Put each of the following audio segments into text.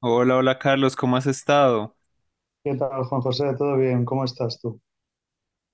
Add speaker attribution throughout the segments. Speaker 1: Hola, hola Carlos, ¿cómo has estado?
Speaker 2: ¿Qué tal, Juan José? ¿Todo bien? ¿Cómo estás tú?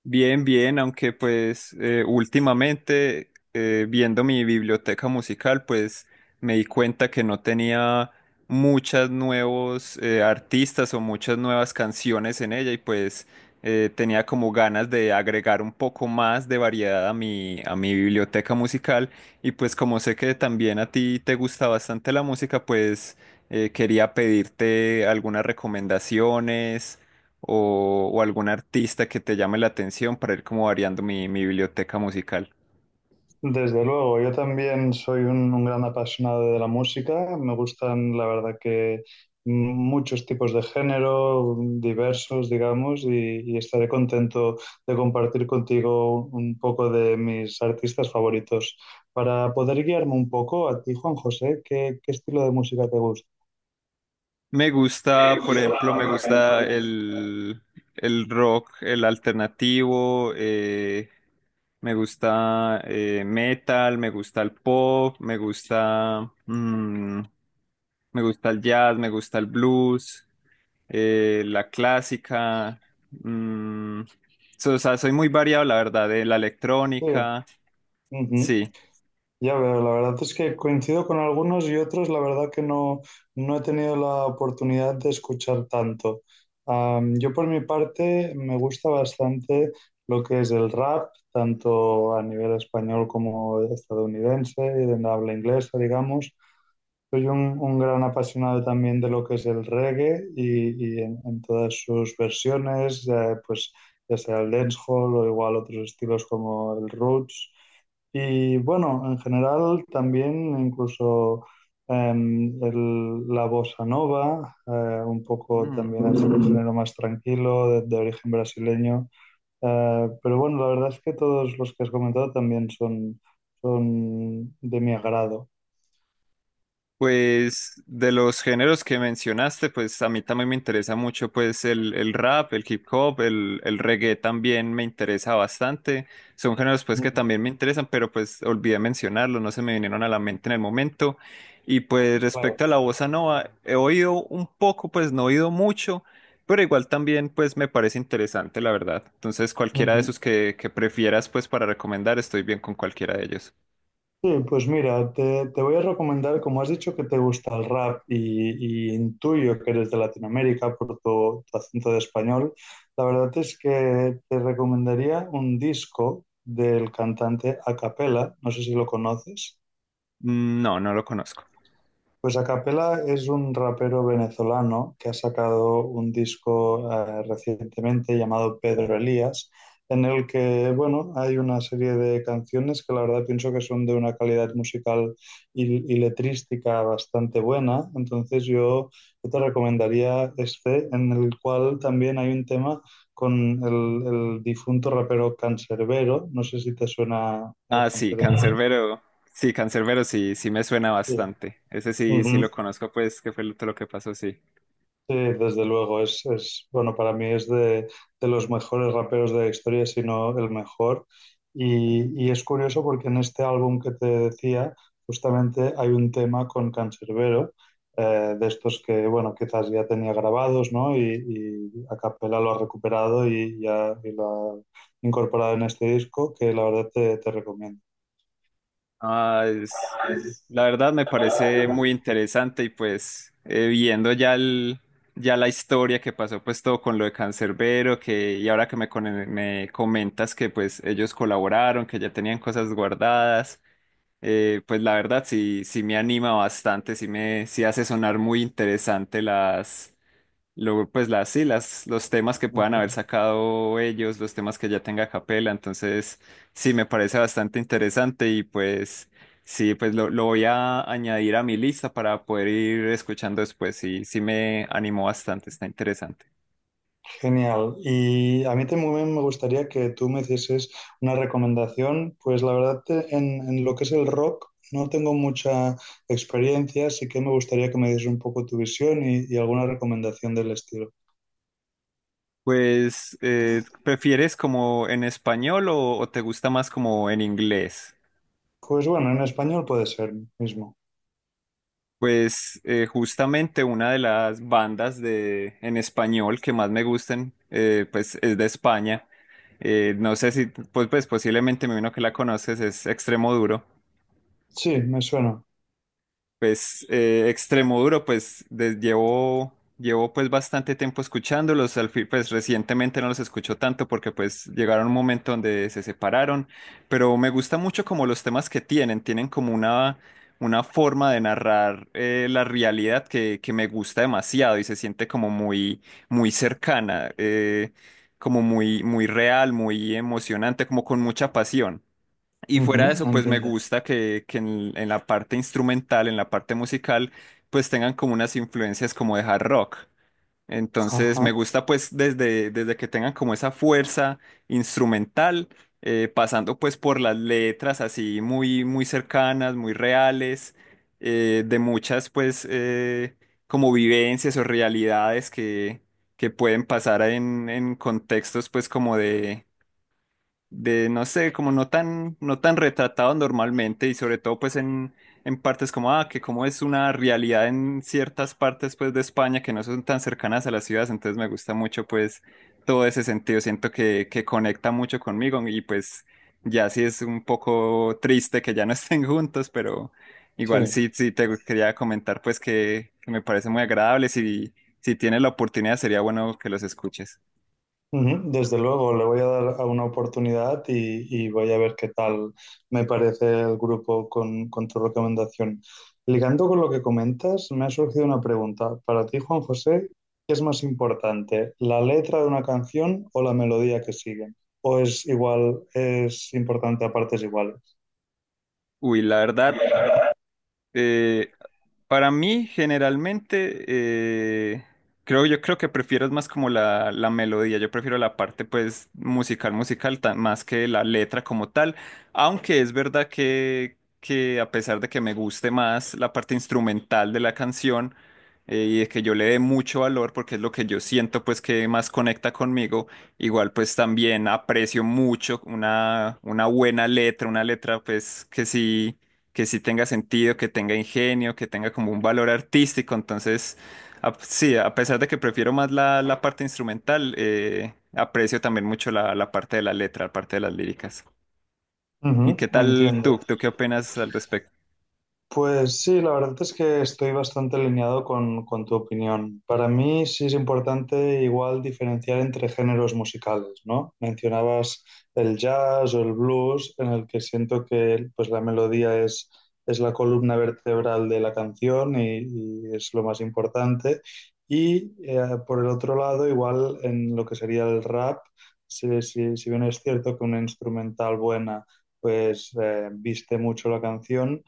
Speaker 1: Bien, bien, aunque pues últimamente viendo mi biblioteca musical, pues me di cuenta que no tenía muchos nuevos artistas o muchas nuevas canciones en ella y pues tenía como ganas de agregar un poco más de variedad a a mi biblioteca musical y pues como sé que también a ti te gusta bastante la música, pues quería pedirte algunas recomendaciones o algún artista que te llame la atención para ir como variando mi biblioteca musical.
Speaker 2: Desde luego, yo también soy un gran apasionado de la música. Me gustan, la verdad, que muchos tipos de género, diversos, digamos, y estaré contento de compartir contigo un poco de mis artistas favoritos. Para poder guiarme un poco a ti, Juan José, ¿qué estilo de música te gusta?
Speaker 1: Me gusta, por ejemplo, me gusta el rock, el alternativo, me gusta metal, me gusta el pop, me gusta, me gusta el jazz, me gusta el blues, la clásica. mm, o sea, soy muy variado, la verdad, de la
Speaker 2: Sí.
Speaker 1: electrónica.
Speaker 2: Ujú.
Speaker 1: Sí.
Speaker 2: Ya veo, la verdad es que coincido con algunos y otros, la verdad que no, no he tenido la oportunidad de escuchar tanto. Yo por mi parte me gusta bastante lo que es el rap, tanto a nivel español como estadounidense y de habla inglesa, digamos. Soy un gran apasionado también de lo que es el reggae y en todas sus versiones, pues ya sea el dancehall o igual otros estilos como el roots. Y bueno, en general también incluso la bossa nova, un poco
Speaker 1: Mm.
Speaker 2: también es un género más tranquilo, de origen brasileño. Pero bueno, la verdad es que todos los que has comentado también son, son de mi agrado.
Speaker 1: Pues de los géneros que mencionaste, pues a mí también me interesa mucho pues el rap, el hip hop, el reggae también me interesa bastante. Son géneros pues que
Speaker 2: Ujú.
Speaker 1: también me interesan, pero pues olvidé mencionarlos, no se me vinieron a la mente en el momento. Y pues
Speaker 2: Claro.
Speaker 1: respecto a la bossa nova, he oído un poco, pues no he oído mucho, pero igual también pues me parece interesante, la verdad. Entonces cualquiera de
Speaker 2: Ujú.
Speaker 1: esos que prefieras pues para recomendar, estoy bien con cualquiera de ellos.
Speaker 2: Sí, pues mira, te voy a recomendar, como has dicho que te gusta el rap y intuyo que eres de Latinoamérica por tu acento de español, la verdad es que te recomendaría un disco del cantante Acapella, no sé si lo conoces.
Speaker 1: No, no lo conozco.
Speaker 2: Pues Acapela es un rapero venezolano que ha sacado un disco recientemente llamado Pedro Elías, en el que, bueno, hay una serie de canciones que la verdad pienso que son de una calidad musical y letrística bastante buena. Entonces yo te recomendaría este, en el cual también hay un tema con el difunto rapero Canserbero. No sé si te suena el
Speaker 1: Ah, sí,
Speaker 2: Canserbero. Ajá.
Speaker 1: Cancerbero. Sí, Cancerbero, sí, sí me suena
Speaker 2: Sí.
Speaker 1: bastante. Ese sí, sí
Speaker 2: Ujú.
Speaker 1: lo conozco, pues, que fue lo que pasó, sí.
Speaker 2: Sí, desde luego, es bueno, para mí es de los mejores raperos de la historia, si no el mejor. Y es curioso porque en este álbum que te decía, justamente hay un tema con Canserbero, de estos que, bueno, quizás ya tenía grabados, ¿no? Y a capela lo ha recuperado y, ya, y lo ha incorporado en este disco, que la verdad te, te recomiendo.
Speaker 1: Ah, es, la verdad me parece muy interesante y pues viendo ya ya la historia que pasó, pues todo con lo de Cancerbero que, y ahora que me comentas que pues ellos colaboraron, que ya tenían cosas guardadas, pues la verdad sí, sí me anima bastante, sí hace sonar muy interesante las. Luego, pues las, sí, las, los temas que puedan haber
Speaker 2: Ujú.
Speaker 1: sacado ellos, los temas que ya tenga Capela, entonces sí, me parece bastante interesante y pues sí, pues lo voy a añadir a mi lista para poder ir escuchando después, sí, sí me animó bastante, está interesante.
Speaker 2: Genial. Y a mí también me gustaría que tú me hicieses una recomendación. Pues la verdad, en lo que es el rock, no tengo mucha experiencia, así que me gustaría que me dieses un poco tu visión y alguna recomendación del estilo.
Speaker 1: Pues, ¿prefieres como en español o te gusta más como en inglés?
Speaker 2: Pues bueno, en español puede ser mismo.
Speaker 1: Pues justamente una de las bandas de en español que más me gustan, pues es de España. No sé si, pues, pues posiblemente me imagino que la conoces, es Extremo Duro.
Speaker 2: Sí, me suena.
Speaker 1: Pues Extremo Duro, pues llevo, llevo pues bastante tiempo escuchándolos, al fin, pues recientemente no los escucho tanto porque pues llegaron un momento donde se separaron, pero me gusta mucho como los temas que tienen, tienen como una forma de narrar la realidad que me gusta demasiado y se siente como muy, muy cercana, como muy, muy real, muy emocionante, como con mucha pasión. Y fuera de
Speaker 2: Ujú,
Speaker 1: eso, pues me
Speaker 2: entiendo.
Speaker 1: gusta que en la parte instrumental, en la parte musical, pues tengan como unas influencias como de hard rock. Entonces
Speaker 2: Ajá,
Speaker 1: me gusta pues desde que tengan como esa fuerza instrumental, pasando pues por las letras así muy, muy cercanas, muy reales, de muchas pues como vivencias o realidades que pueden pasar en contextos pues como de, no sé, como no tan, no tan retratado normalmente y sobre todo pues en partes como, ah, que como es una realidad en ciertas partes pues de España que no son tan cercanas a las ciudades, entonces me gusta mucho pues todo ese sentido, siento que conecta mucho conmigo y pues ya sí es un poco triste que ya no estén juntos, pero igual
Speaker 2: sí.
Speaker 1: sí, sí te quería comentar pues que me parece muy agradable, si, si tienes la oportunidad sería bueno que los escuches.
Speaker 2: Ujú, desde luego, le voy a dar a una oportunidad y voy a ver qué tal me parece el grupo con tu recomendación. Ligando con lo que comentas, me ha surgido una pregunta. Para ti, Juan José, ¿qué es más importante, la letra de una canción o la melodía que sigue? ¿O es igual, es importante a partes iguales?
Speaker 1: Uy, la verdad, eh, para mí, generalmente, creo, yo creo que prefiero es más como la melodía, yo prefiero la parte pues musical, más que la letra como tal, aunque es verdad que a pesar de que me guste más la parte instrumental de la canción y de que yo le dé mucho valor, porque es lo que yo siento pues que más conecta conmigo, igual pues también aprecio mucho una buena letra, una letra pues que sí tenga sentido, que tenga ingenio, que tenga como un valor artístico. Entonces, sí, a pesar de que prefiero más la parte instrumental, aprecio también mucho la parte de la letra, la parte de las líricas. ¿Y
Speaker 2: Ujú,
Speaker 1: qué tal
Speaker 2: entiendo.
Speaker 1: tú? ¿Tú qué opinas al respecto?
Speaker 2: Pues sí, la verdad es que estoy bastante alineado con tu opinión. Para mí sí es importante igual diferenciar entre géneros musicales, ¿no? Mencionabas el jazz o el blues, en el que siento que pues, la melodía es la columna vertebral de la canción y es lo más importante. Y eh, por el otro lado, igual en lo que sería el rap, si bien es cierto que una instrumental buena pues viste mucho la canción,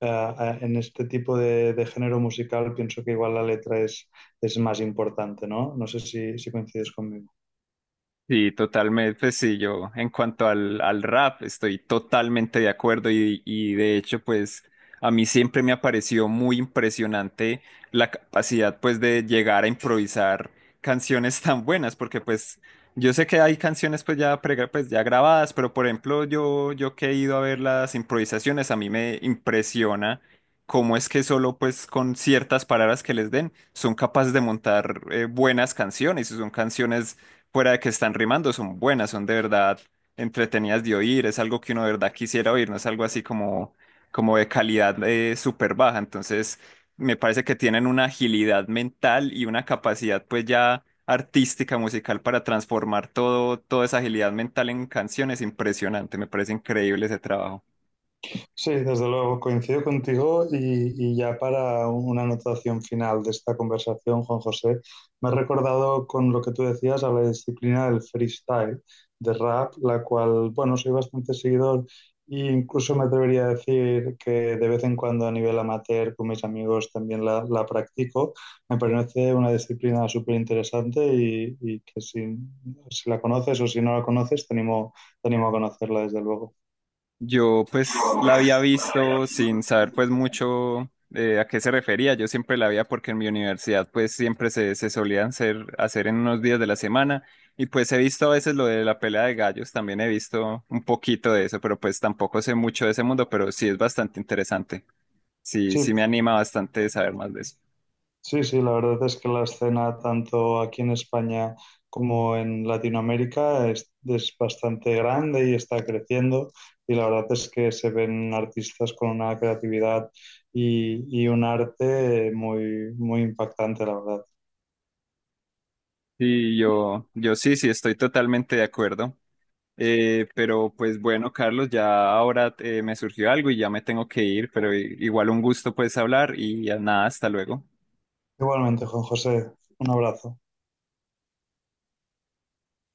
Speaker 2: en este tipo de género musical pienso que igual la letra es más importante, ¿no? No sé si, si coincides conmigo.
Speaker 1: Sí, totalmente, pues sí, yo en cuanto al rap estoy totalmente de acuerdo y de hecho pues a mí siempre me ha parecido muy impresionante la capacidad pues de llegar a improvisar canciones tan buenas porque pues yo sé que hay canciones pues, ya grabadas, pero por ejemplo yo, yo que he ido a ver las improvisaciones a mí me impresiona cómo es que solo pues con ciertas palabras que les den son capaces de montar buenas canciones y son canciones fuera de que están rimando, son buenas, son de verdad entretenidas de oír, es algo que uno de verdad quisiera oír, no es algo así como, como de calidad súper baja. Entonces, me parece que tienen una agilidad mental y una capacidad pues ya artística, musical para transformar todo, toda esa agilidad mental en canciones impresionante, me parece increíble ese trabajo.
Speaker 2: Sí, desde luego, coincido contigo y ya para una anotación final de esta conversación, Juan José, me he recordado con lo que tú decías a la disciplina del freestyle, de rap, la cual, bueno, soy bastante seguidor e incluso me atrevería a decir que de vez en cuando a nivel amateur con mis amigos también la practico. Me parece una disciplina súper interesante y que si, si la conoces o si no la conoces, te animo a conocerla, desde luego.
Speaker 1: Yo pues la había visto sin saber pues mucho a qué se refería. Yo siempre la veía porque en mi universidad pues siempre se solían hacer en unos días de la semana y pues he visto a veces lo de la pelea de gallos, también he visto un poquito de eso, pero pues tampoco sé mucho de ese mundo, pero sí es bastante interesante. Sí,
Speaker 2: Sí,
Speaker 1: sí me anima bastante saber más de eso.
Speaker 2: sí, sí, la verdad es que la escena tanto aquí en España como en Latinoamérica es bastante grande y está creciendo y la verdad es que se ven artistas con una creatividad y un arte muy, muy impactante, la verdad.
Speaker 1: Y yo sí, sí estoy totalmente de acuerdo. Pero pues bueno, Carlos, ya ahora me surgió algo y ya me tengo que ir, pero igual un gusto pues hablar y ya nada, hasta luego.
Speaker 2: Igualmente, Juan José, un abrazo.